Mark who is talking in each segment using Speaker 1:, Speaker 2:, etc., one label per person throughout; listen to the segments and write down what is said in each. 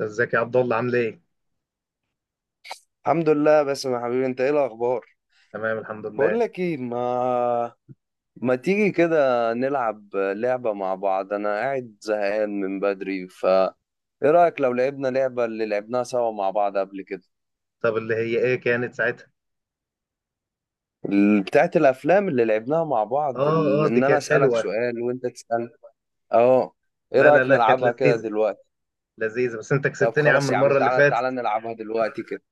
Speaker 1: ازيك يا عبد الله، عامل ايه؟
Speaker 2: الحمد لله، بس يا حبيبي انت ايه الاخبار؟
Speaker 1: تمام، الحمد
Speaker 2: بقول
Speaker 1: لله.
Speaker 2: لك ايه، ما تيجي كده نلعب لعبة مع بعض؟ انا قاعد زهقان من بدري، ف ايه رأيك لو لعبنا لعبة اللي لعبناها سوا مع بعض قبل كده؟
Speaker 1: طب اللي هي ايه كانت ساعتها؟
Speaker 2: بتاعت الافلام اللي لعبناها مع بعض،
Speaker 1: اه اه، دي
Speaker 2: ان انا
Speaker 1: كانت
Speaker 2: اسألك
Speaker 1: حلوة.
Speaker 2: سؤال وانت تسأل. اه. ايه
Speaker 1: لا لا
Speaker 2: رأيك
Speaker 1: لا، كانت
Speaker 2: نلعبها كده
Speaker 1: لذيذة.
Speaker 2: دلوقتي؟
Speaker 1: لذيذة، بس انت
Speaker 2: طب
Speaker 1: كسبتني يا عم
Speaker 2: خلاص يا عم،
Speaker 1: المرة اللي
Speaker 2: تعالى تعالى
Speaker 1: فاتت.
Speaker 2: نلعبها دلوقتي كده.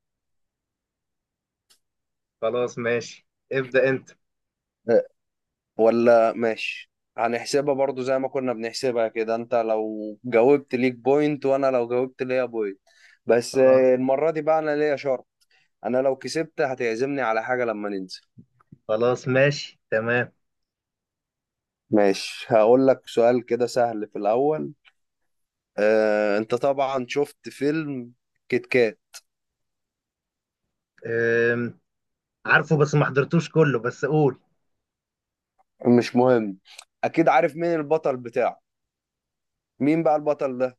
Speaker 1: خلاص ماشي، ابدأ انت.
Speaker 2: ولا ماشي. هنحسبها برضو زي ما كنا بنحسبها كده، انت لو جاوبت ليك بوينت وانا لو جاوبت ليا بوينت. بس
Speaker 1: خلاص
Speaker 2: المرة دي بقى انا ليا شرط. انا لو كسبت هتعزمني على حاجة لما ننزل.
Speaker 1: خلاص، ماشي تمام.
Speaker 2: ماشي، هقول لك سؤال كده سهل في الاول. انت طبعا شفت فيلم كيت كات.
Speaker 1: أم. عارفه بس ما حضرتوش كله، بس قول.
Speaker 2: مش مهم، اكيد عارف مين البطل بتاعه. مين بقى البطل ده؟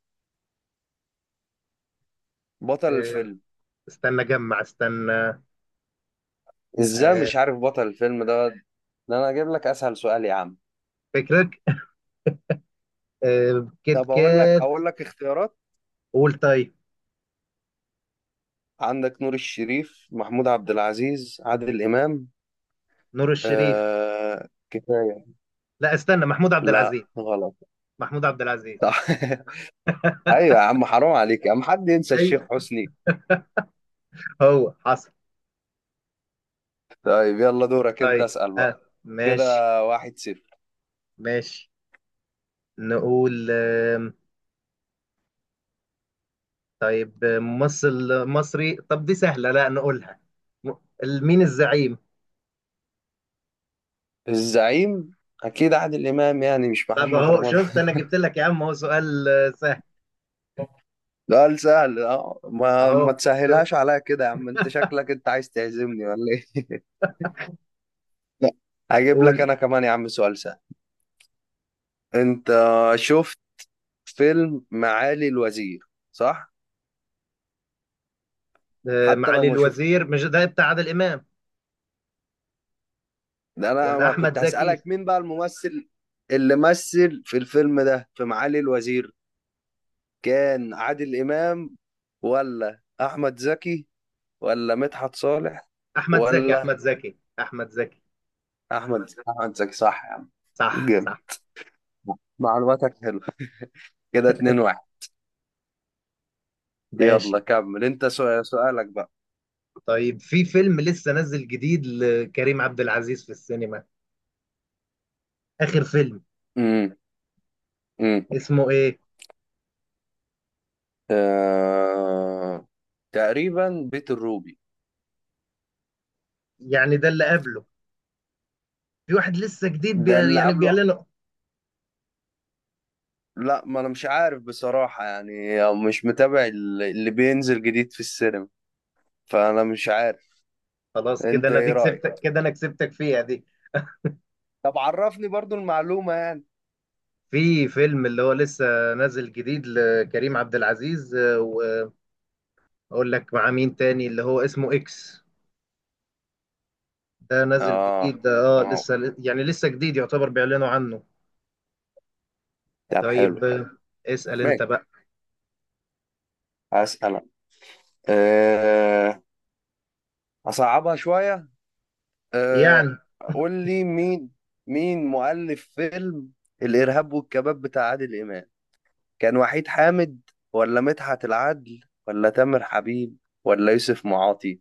Speaker 2: بطل
Speaker 1: أه،
Speaker 2: الفيلم.
Speaker 1: استنى جمع استنى.
Speaker 2: ازاي
Speaker 1: أه،
Speaker 2: مش عارف بطل الفيلم ده؟ ده انا اجيب لك اسهل سؤال يا عم.
Speaker 1: فكرك. كيت
Speaker 2: طب اقول لك
Speaker 1: كات.
Speaker 2: اقول لك اختيارات.
Speaker 1: قول طيب.
Speaker 2: عندك نور الشريف، محمود عبد العزيز، عادل إمام.
Speaker 1: نور الشريف.
Speaker 2: آه، كفاية.
Speaker 1: لا استنى، محمود عبد
Speaker 2: لا،
Speaker 1: العزيز.
Speaker 2: غلط.
Speaker 1: محمود عبد العزيز.
Speaker 2: أيوة يا عم، حرام عليك يا عم، حد ينسى الشيخ
Speaker 1: ايوه،
Speaker 2: حسني؟
Speaker 1: هو حصل.
Speaker 2: طيب يلا دورك أنت،
Speaker 1: طيب.
Speaker 2: أسأل بقى.
Speaker 1: آه.
Speaker 2: كده
Speaker 1: ماشي
Speaker 2: 1-0.
Speaker 1: ماشي. نقول طيب ممثل مصري. طب دي سهلة، لا نقولها. م- مين الزعيم؟
Speaker 2: الزعيم. أكيد عادل إمام، يعني مش
Speaker 1: طب
Speaker 2: محمد
Speaker 1: اهو
Speaker 2: رمضان.
Speaker 1: شفت، انا جبت لك يا عم اهو سؤال سهل.
Speaker 2: ده سهل. أه، ما
Speaker 1: اهو
Speaker 2: ما
Speaker 1: شوف.
Speaker 2: تسهلهاش عليا كده يا عم. أنت شكلك أنت عايز تعزمني ولا إيه؟ لا، هجيب لك
Speaker 1: قول.
Speaker 2: أنا كمان يا عم سؤال سهل. أنت شفت فيلم معالي الوزير، صح؟ حتى لو
Speaker 1: معالي
Speaker 2: ما
Speaker 1: الوزير،
Speaker 2: شفتوش،
Speaker 1: مش ده بتاع عادل امام؟
Speaker 2: ده انا
Speaker 1: ولا
Speaker 2: ما
Speaker 1: احمد
Speaker 2: كنت
Speaker 1: زكي.
Speaker 2: هسألك مين بقى الممثل اللي مثل في الفيلم ده. في معالي الوزير كان عادل إمام ولا احمد زكي ولا مدحت صالح
Speaker 1: احمد زكي
Speaker 2: ولا
Speaker 1: احمد زكي احمد زكي.
Speaker 2: احمد زكي؟ احمد زكي، صح يا عم.
Speaker 1: صح
Speaker 2: جامد،
Speaker 1: صح.
Speaker 2: معلوماتك حلوه. كده 2-1.
Speaker 1: ماشي.
Speaker 2: يلا كمل انت، سؤالك بقى.
Speaker 1: طيب، في فيلم لسه نزل جديد لكريم عبد العزيز في السينما، اخر فيلم.
Speaker 2: امم امم
Speaker 1: اسمه ايه؟
Speaker 2: آه... تقريبا بيت الروبي.
Speaker 1: يعني ده اللي قبله، في واحد لسه جديد
Speaker 2: ده اللي
Speaker 1: يعني
Speaker 2: قبله.
Speaker 1: بيعلنه.
Speaker 2: لا، ما انا مش عارف بصراحة يعني، مش متابع اللي بينزل جديد في السينما، فانا مش عارف.
Speaker 1: خلاص كده،
Speaker 2: انت
Speaker 1: انا
Speaker 2: ايه
Speaker 1: دي
Speaker 2: رأيك؟
Speaker 1: كسبتك، كده انا كسبتك فيها دي.
Speaker 2: طب عرفني برضو المعلومة يعني.
Speaker 1: في فيلم اللي هو لسه نازل جديد لكريم عبد العزيز، واقول لك مع مين تاني، اللي هو اسمه اكس، ده نازل
Speaker 2: اه.
Speaker 1: جديد ده. اه
Speaker 2: اه.
Speaker 1: لسه يعني، لسه جديد يعتبر، بيعلنوا عنه.
Speaker 2: طب
Speaker 1: طيب.
Speaker 2: حلو حلو.
Speaker 1: اسأل انت
Speaker 2: ماشي،
Speaker 1: بقى.
Speaker 2: هسألك. أه... اصعبها شوية. أه...
Speaker 1: يعني.
Speaker 2: قول لي مين، مين مؤلف فيلم الإرهاب والكباب بتاع عادل إمام؟ كان وحيد حامد ولا مدحت العدل ولا تامر حبيب ولا يوسف معاطي؟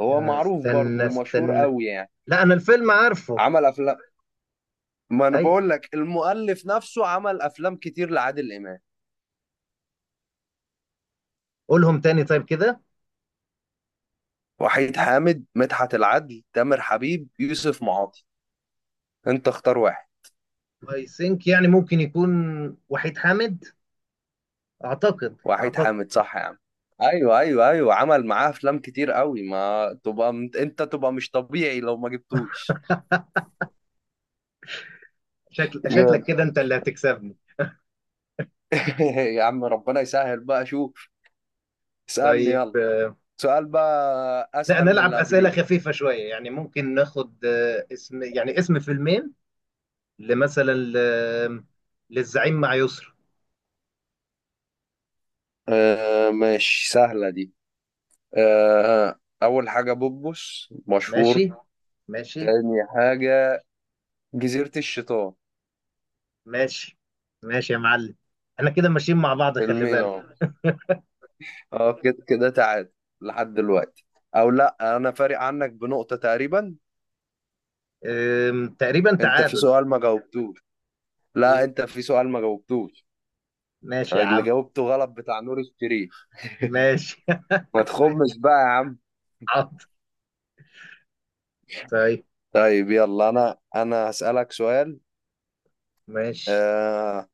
Speaker 2: هو معروف برضه
Speaker 1: استنى
Speaker 2: ومشهور
Speaker 1: استنى.
Speaker 2: قوي يعني،
Speaker 1: لا، انا الفيلم عارفه.
Speaker 2: عمل افلام. ما انا
Speaker 1: ايوه،
Speaker 2: بقول لك المؤلف نفسه عمل افلام كتير لعادل امام.
Speaker 1: قولهم تاني طيب كده.
Speaker 2: وحيد حامد، مدحت العدل، تامر حبيب، يوسف معاطي. انت اختار واحد.
Speaker 1: اي ثينك، يعني ممكن يكون وحيد حامد. اعتقد
Speaker 2: وحيد
Speaker 1: اعتقد.
Speaker 2: حامد، صح يا عم. ايوه ايوه ايوه، عمل معاه افلام كتير قوي. ما تبقى انت تبقى مش طبيعي لو ما جبتوش.
Speaker 1: شكلك
Speaker 2: جامد.
Speaker 1: كده، انت اللي هتكسبني.
Speaker 2: يا عم ربنا يسهل بقى، شوف، اسألني
Speaker 1: طيب.
Speaker 2: يلا سؤال بقى
Speaker 1: لا
Speaker 2: اسهل من
Speaker 1: نلعب
Speaker 2: اللي
Speaker 1: اسئله
Speaker 2: قبليه.
Speaker 1: خفيفه شويه، يعني ممكن ناخد اسم، يعني اسم فيلمين، لمثلا للزعيم مع يسرا.
Speaker 2: آه ماشي، سهلة دي. أول حاجة، بوبوس
Speaker 1: ماشي
Speaker 2: مشهور.
Speaker 1: ماشي
Speaker 2: تاني حاجة، جزيرة الشيطان.
Speaker 1: ماشي ماشي يا معلم. احنا كده ماشيين مع بعض، خلي
Speaker 2: فيلمين
Speaker 1: بالك.
Speaker 2: أهو. أه، كده كده تعادل لحد دلوقتي. أو لأ، أنا فارق عنك بنقطة تقريبا.
Speaker 1: تقريبا
Speaker 2: أنت في
Speaker 1: تعادل.
Speaker 2: سؤال ما جاوبتوش. لا،
Speaker 1: يم-
Speaker 2: أنت في سؤال ما جاوبتوش،
Speaker 1: ماشي يا
Speaker 2: اللي
Speaker 1: عم.
Speaker 2: جاوبته غلط بتاع نور الشريف.
Speaker 1: ماشي
Speaker 2: ما
Speaker 1: ماشي،
Speaker 2: تخمش بقى يا عم.
Speaker 1: حاضر. طيب.
Speaker 2: طيب يلا أنا هسألك سؤال.
Speaker 1: ماشي.
Speaker 2: آه.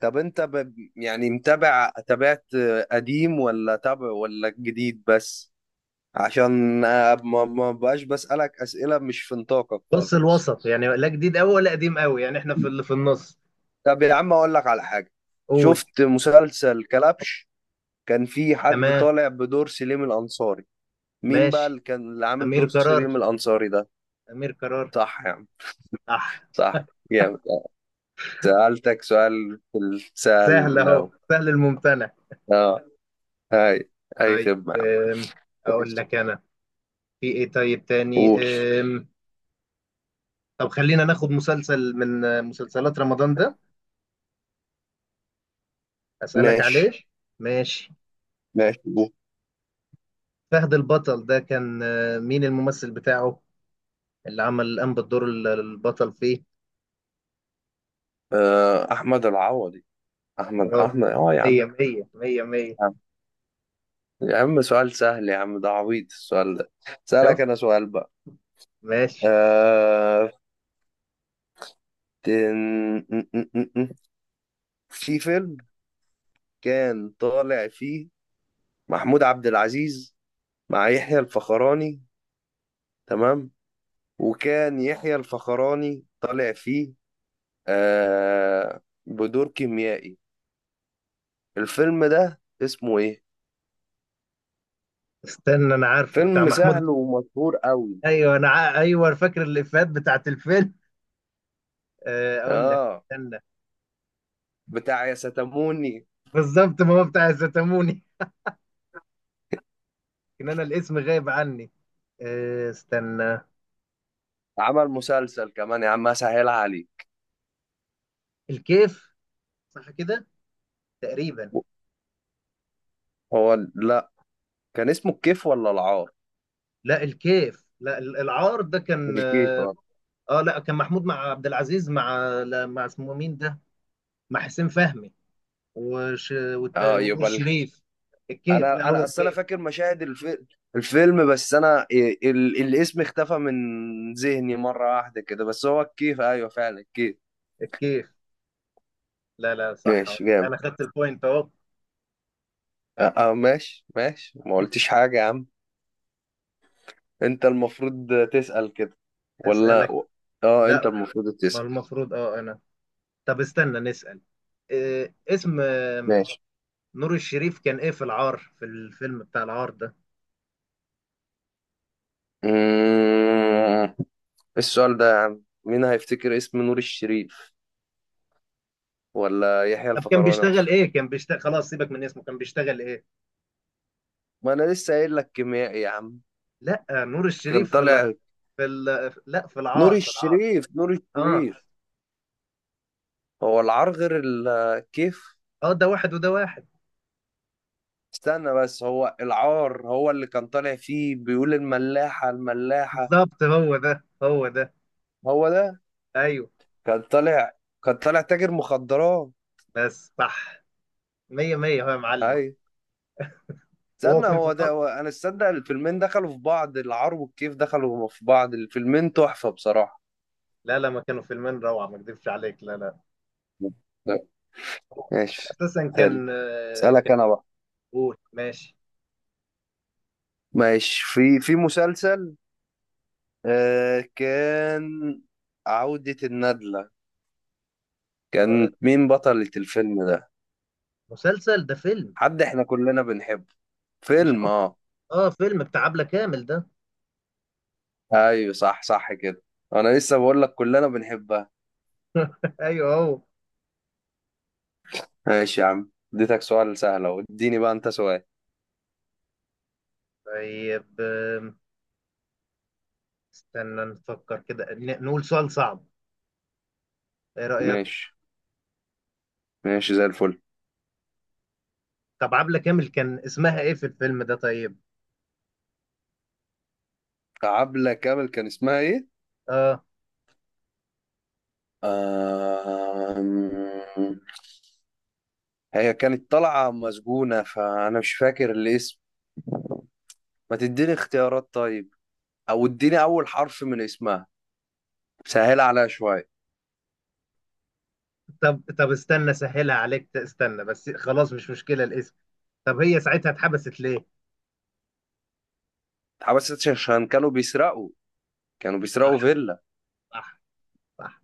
Speaker 2: طب أنت يعني متابع، تابعت قديم ولا تابع ولا جديد بس؟ عشان ما بقاش بسألك أسئلة مش في نطاقك
Speaker 1: نص
Speaker 2: خالص.
Speaker 1: الوسط يعني، لا جديد قوي ولا قديم قوي، يعني احنا في اللي في النص.
Speaker 2: طب يا عم، أقول لك على حاجة.
Speaker 1: قول.
Speaker 2: شفت مسلسل كلبش؟ كان في حد
Speaker 1: تمام.
Speaker 2: طالع بدور سليم الأنصاري. مين بقى
Speaker 1: ماشي.
Speaker 2: اللي عامل
Speaker 1: امير
Speaker 2: دور
Speaker 1: قرار.
Speaker 2: سليم الأنصاري ده؟
Speaker 1: أمير قرار.
Speaker 2: صح يا عم.
Speaker 1: صح.
Speaker 2: صح. جامد آه. سألتك سؤال في
Speaker 1: سهل،
Speaker 2: السهل
Speaker 1: أهو
Speaker 2: لو.
Speaker 1: سهل الممتنع.
Speaker 2: اه. هاي، أي
Speaker 1: طيب.
Speaker 2: خدمة يا عم.
Speaker 1: أقول
Speaker 2: ماشي.
Speaker 1: لك أنا. في إيه طيب تاني؟
Speaker 2: قول.
Speaker 1: أم، طب خلينا ناخد مسلسل من مسلسلات رمضان ده، أسألك عليه.
Speaker 2: ماشي.
Speaker 1: ماشي.
Speaker 2: ماشي قول.
Speaker 1: فهد البطل ده، كان مين الممثل بتاعه، اللي عمل الآن بالدور البطل فيه؟
Speaker 2: آه، أحمد العوضي. أحمد
Speaker 1: برافو.
Speaker 2: أحمد أه يا عم.
Speaker 1: مية مية مية مية.
Speaker 2: يا عم سؤال سهل يا عم، ده عبيط السؤال ده. سألك
Speaker 1: شوف.
Speaker 2: أنا سؤال بقى.
Speaker 1: ماشي.
Speaker 2: آه... تن... م- م- م- م. في فيلم كان طالع فيه محمود عبد العزيز مع يحيى الفخراني، تمام؟ وكان يحيى الفخراني طالع فيه بدور كيميائي. الفيلم ده اسمه إيه؟
Speaker 1: استنى، أنا عارفه بتاع
Speaker 2: فيلم
Speaker 1: محمود.
Speaker 2: سهل ومشهور قوي.
Speaker 1: أيوه فاكر الإفيهات بتاعت الفيلم. أقول لك
Speaker 2: آه،
Speaker 1: استنى.
Speaker 2: بتاع يا ستموني.
Speaker 1: بالظبط، ما هو بتاع الزيتاموني. ان انا الاسم غايب عني. استنى.
Speaker 2: عمل مسلسل كمان يا عم، أسهلها عليك.
Speaker 1: الكيف. صح كده، تقريبا.
Speaker 2: هو لا، كان اسمه الكيف ولا العار؟
Speaker 1: لا الكيف، لا العار، ده كان.
Speaker 2: اكيد اه.
Speaker 1: اه لا، كان محمود مع عبد العزيز، مع، لا، مع اسمه مين ده، مع حسين فهمي
Speaker 2: اه
Speaker 1: ونور
Speaker 2: يبقى
Speaker 1: الشريف. الكيف.
Speaker 2: انا
Speaker 1: لا هو
Speaker 2: انا اصل انا
Speaker 1: الكيف.
Speaker 2: فاكر مشاهد الفيلم، بس انا الاسم اختفى من ذهني مره واحده كده. بس هو الكيف، ايوه فعلا الكيف.
Speaker 1: الكيف. لا لا، صح.
Speaker 2: ماشي، جامد.
Speaker 1: انا خدت البوينت اهو.
Speaker 2: اه. آه، ماشي ماشي، ما قلتش حاجه يا عم. انت المفروض تسأل كده ولا؟
Speaker 1: اسالك.
Speaker 2: اه، انت
Speaker 1: لا،
Speaker 2: المفروض
Speaker 1: ما
Speaker 2: تسأل.
Speaker 1: المفروض اه انا. طب استنى نسال. اسم
Speaker 2: ماشي.
Speaker 1: نور الشريف كان ايه في العار، في الفيلم بتاع العار ده؟
Speaker 2: مم... السؤال ده يا عم، مين هيفتكر اسم نور الشريف ولا يحيى
Speaker 1: طب كان
Speaker 2: الفخراني
Speaker 1: بيشتغل
Speaker 2: اصلا؟
Speaker 1: ايه؟ كان بيشتغل، خلاص سيبك من اسمه، كان بيشتغل ايه؟
Speaker 2: ما انا لسه قايل لك كيميائي يا عم.
Speaker 1: لا، نور
Speaker 2: كان
Speaker 1: الشريف في
Speaker 2: طالع.
Speaker 1: في لا في
Speaker 2: نور
Speaker 1: العار، في العار.
Speaker 2: الشريف، نور
Speaker 1: اه
Speaker 2: الشريف. هو العار غير الكيف؟
Speaker 1: اه، ده واحد وده واحد.
Speaker 2: استنى بس، هو العار هو اللي كان طالع فيه بيقول الملاحة الملاحة.
Speaker 1: بالظبط، هو ده هو ده.
Speaker 2: هو ده.
Speaker 1: ايوه.
Speaker 2: كان طالع كان طالع تاجر مخدرات.
Speaker 1: بس صح. مية مية هو يا
Speaker 2: اي.
Speaker 1: معلم. وهو
Speaker 2: استنى،
Speaker 1: كان في
Speaker 2: هو ده
Speaker 1: الأرض.
Speaker 2: هو. انا استنى، الفيلمين دخلوا في بعض، العار والكيف دخلوا في بعض. الفيلمين تحفة بصراحة.
Speaker 1: لا لا، ما كانوا فيلمين روعة، ما اكذبش عليك، لا لا. هو
Speaker 2: ماشي.
Speaker 1: اساسا
Speaker 2: حلو،
Speaker 1: كان
Speaker 2: اسألك انا بقى.
Speaker 1: قول ماشي.
Speaker 2: ماشي. في مسلسل آه كان عودة الندلة،
Speaker 1: آه،
Speaker 2: كان مين بطلة الفيلم ده؟
Speaker 1: مسلسل ده فيلم.
Speaker 2: حد احنا كلنا بنحبه.
Speaker 1: مش
Speaker 2: فيلم،
Speaker 1: عارف.
Speaker 2: اه.
Speaker 1: اه، فيلم بتاع عبلة كامل ده.
Speaker 2: ايوه، صح صح كده. انا لسه بقول لك كلنا بنحبها.
Speaker 1: ايوه هو.
Speaker 2: ماشي يا عم، اديتك سؤال سهل اهو، اديني بقى انت سؤال.
Speaker 1: طيب. استنى نفكر كده، نقول سؤال صعب. ايه رأيك؟
Speaker 2: ماشي ماشي زي الفل.
Speaker 1: طب عبلة كامل كان اسمها ايه في الفيلم ده، طيب؟
Speaker 2: عبلة كامل كان اسمها ايه؟
Speaker 1: اه.
Speaker 2: آم... هي كانت طالعة مسجونة، فانا مش فاكر الاسم. ما تديني اختيارات طيب، او اديني اول حرف من اسمها، سهل عليها شوية.
Speaker 1: طب استنى سهلها عليك، استنى بس، خلاص مش مشكلة الاسم. طب هي ساعتها اتحبست ليه؟
Speaker 2: بس عشان كانوا بيسرقوا، كانوا بيسرقوا
Speaker 1: صح
Speaker 2: فيلا.
Speaker 1: صح صح.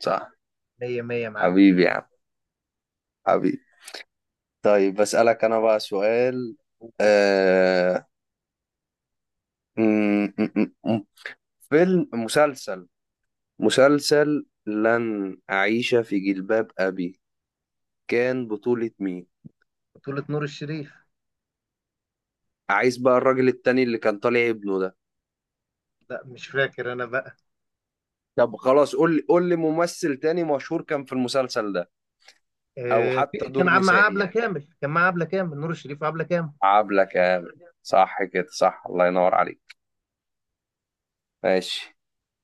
Speaker 2: صح.
Speaker 1: مية مية يا معلم.
Speaker 2: حبيبي يا عم، حبيبي. طيب بسألك أنا بقى سؤال. آه... م- م- م- مسلسل، مسلسل لن أعيش في جلباب أبي، كان بطولة مين؟
Speaker 1: بطولة نور الشريف.
Speaker 2: عايز بقى الراجل التاني اللي كان طالع ابنه ده.
Speaker 1: لا، مش فاكر انا بقى.
Speaker 2: طب خلاص، قول لي قول لي ممثل تاني مشهور كان في المسلسل ده، أو
Speaker 1: في،
Speaker 2: حتى دور
Speaker 1: كان مع
Speaker 2: نسائي
Speaker 1: عبلة
Speaker 2: يعني.
Speaker 1: كامل، كان مع عبلة كامل، نور الشريف وعبلة كامل.
Speaker 2: عبلة كامل، صح كده. صح، الله ينور عليك. ماشي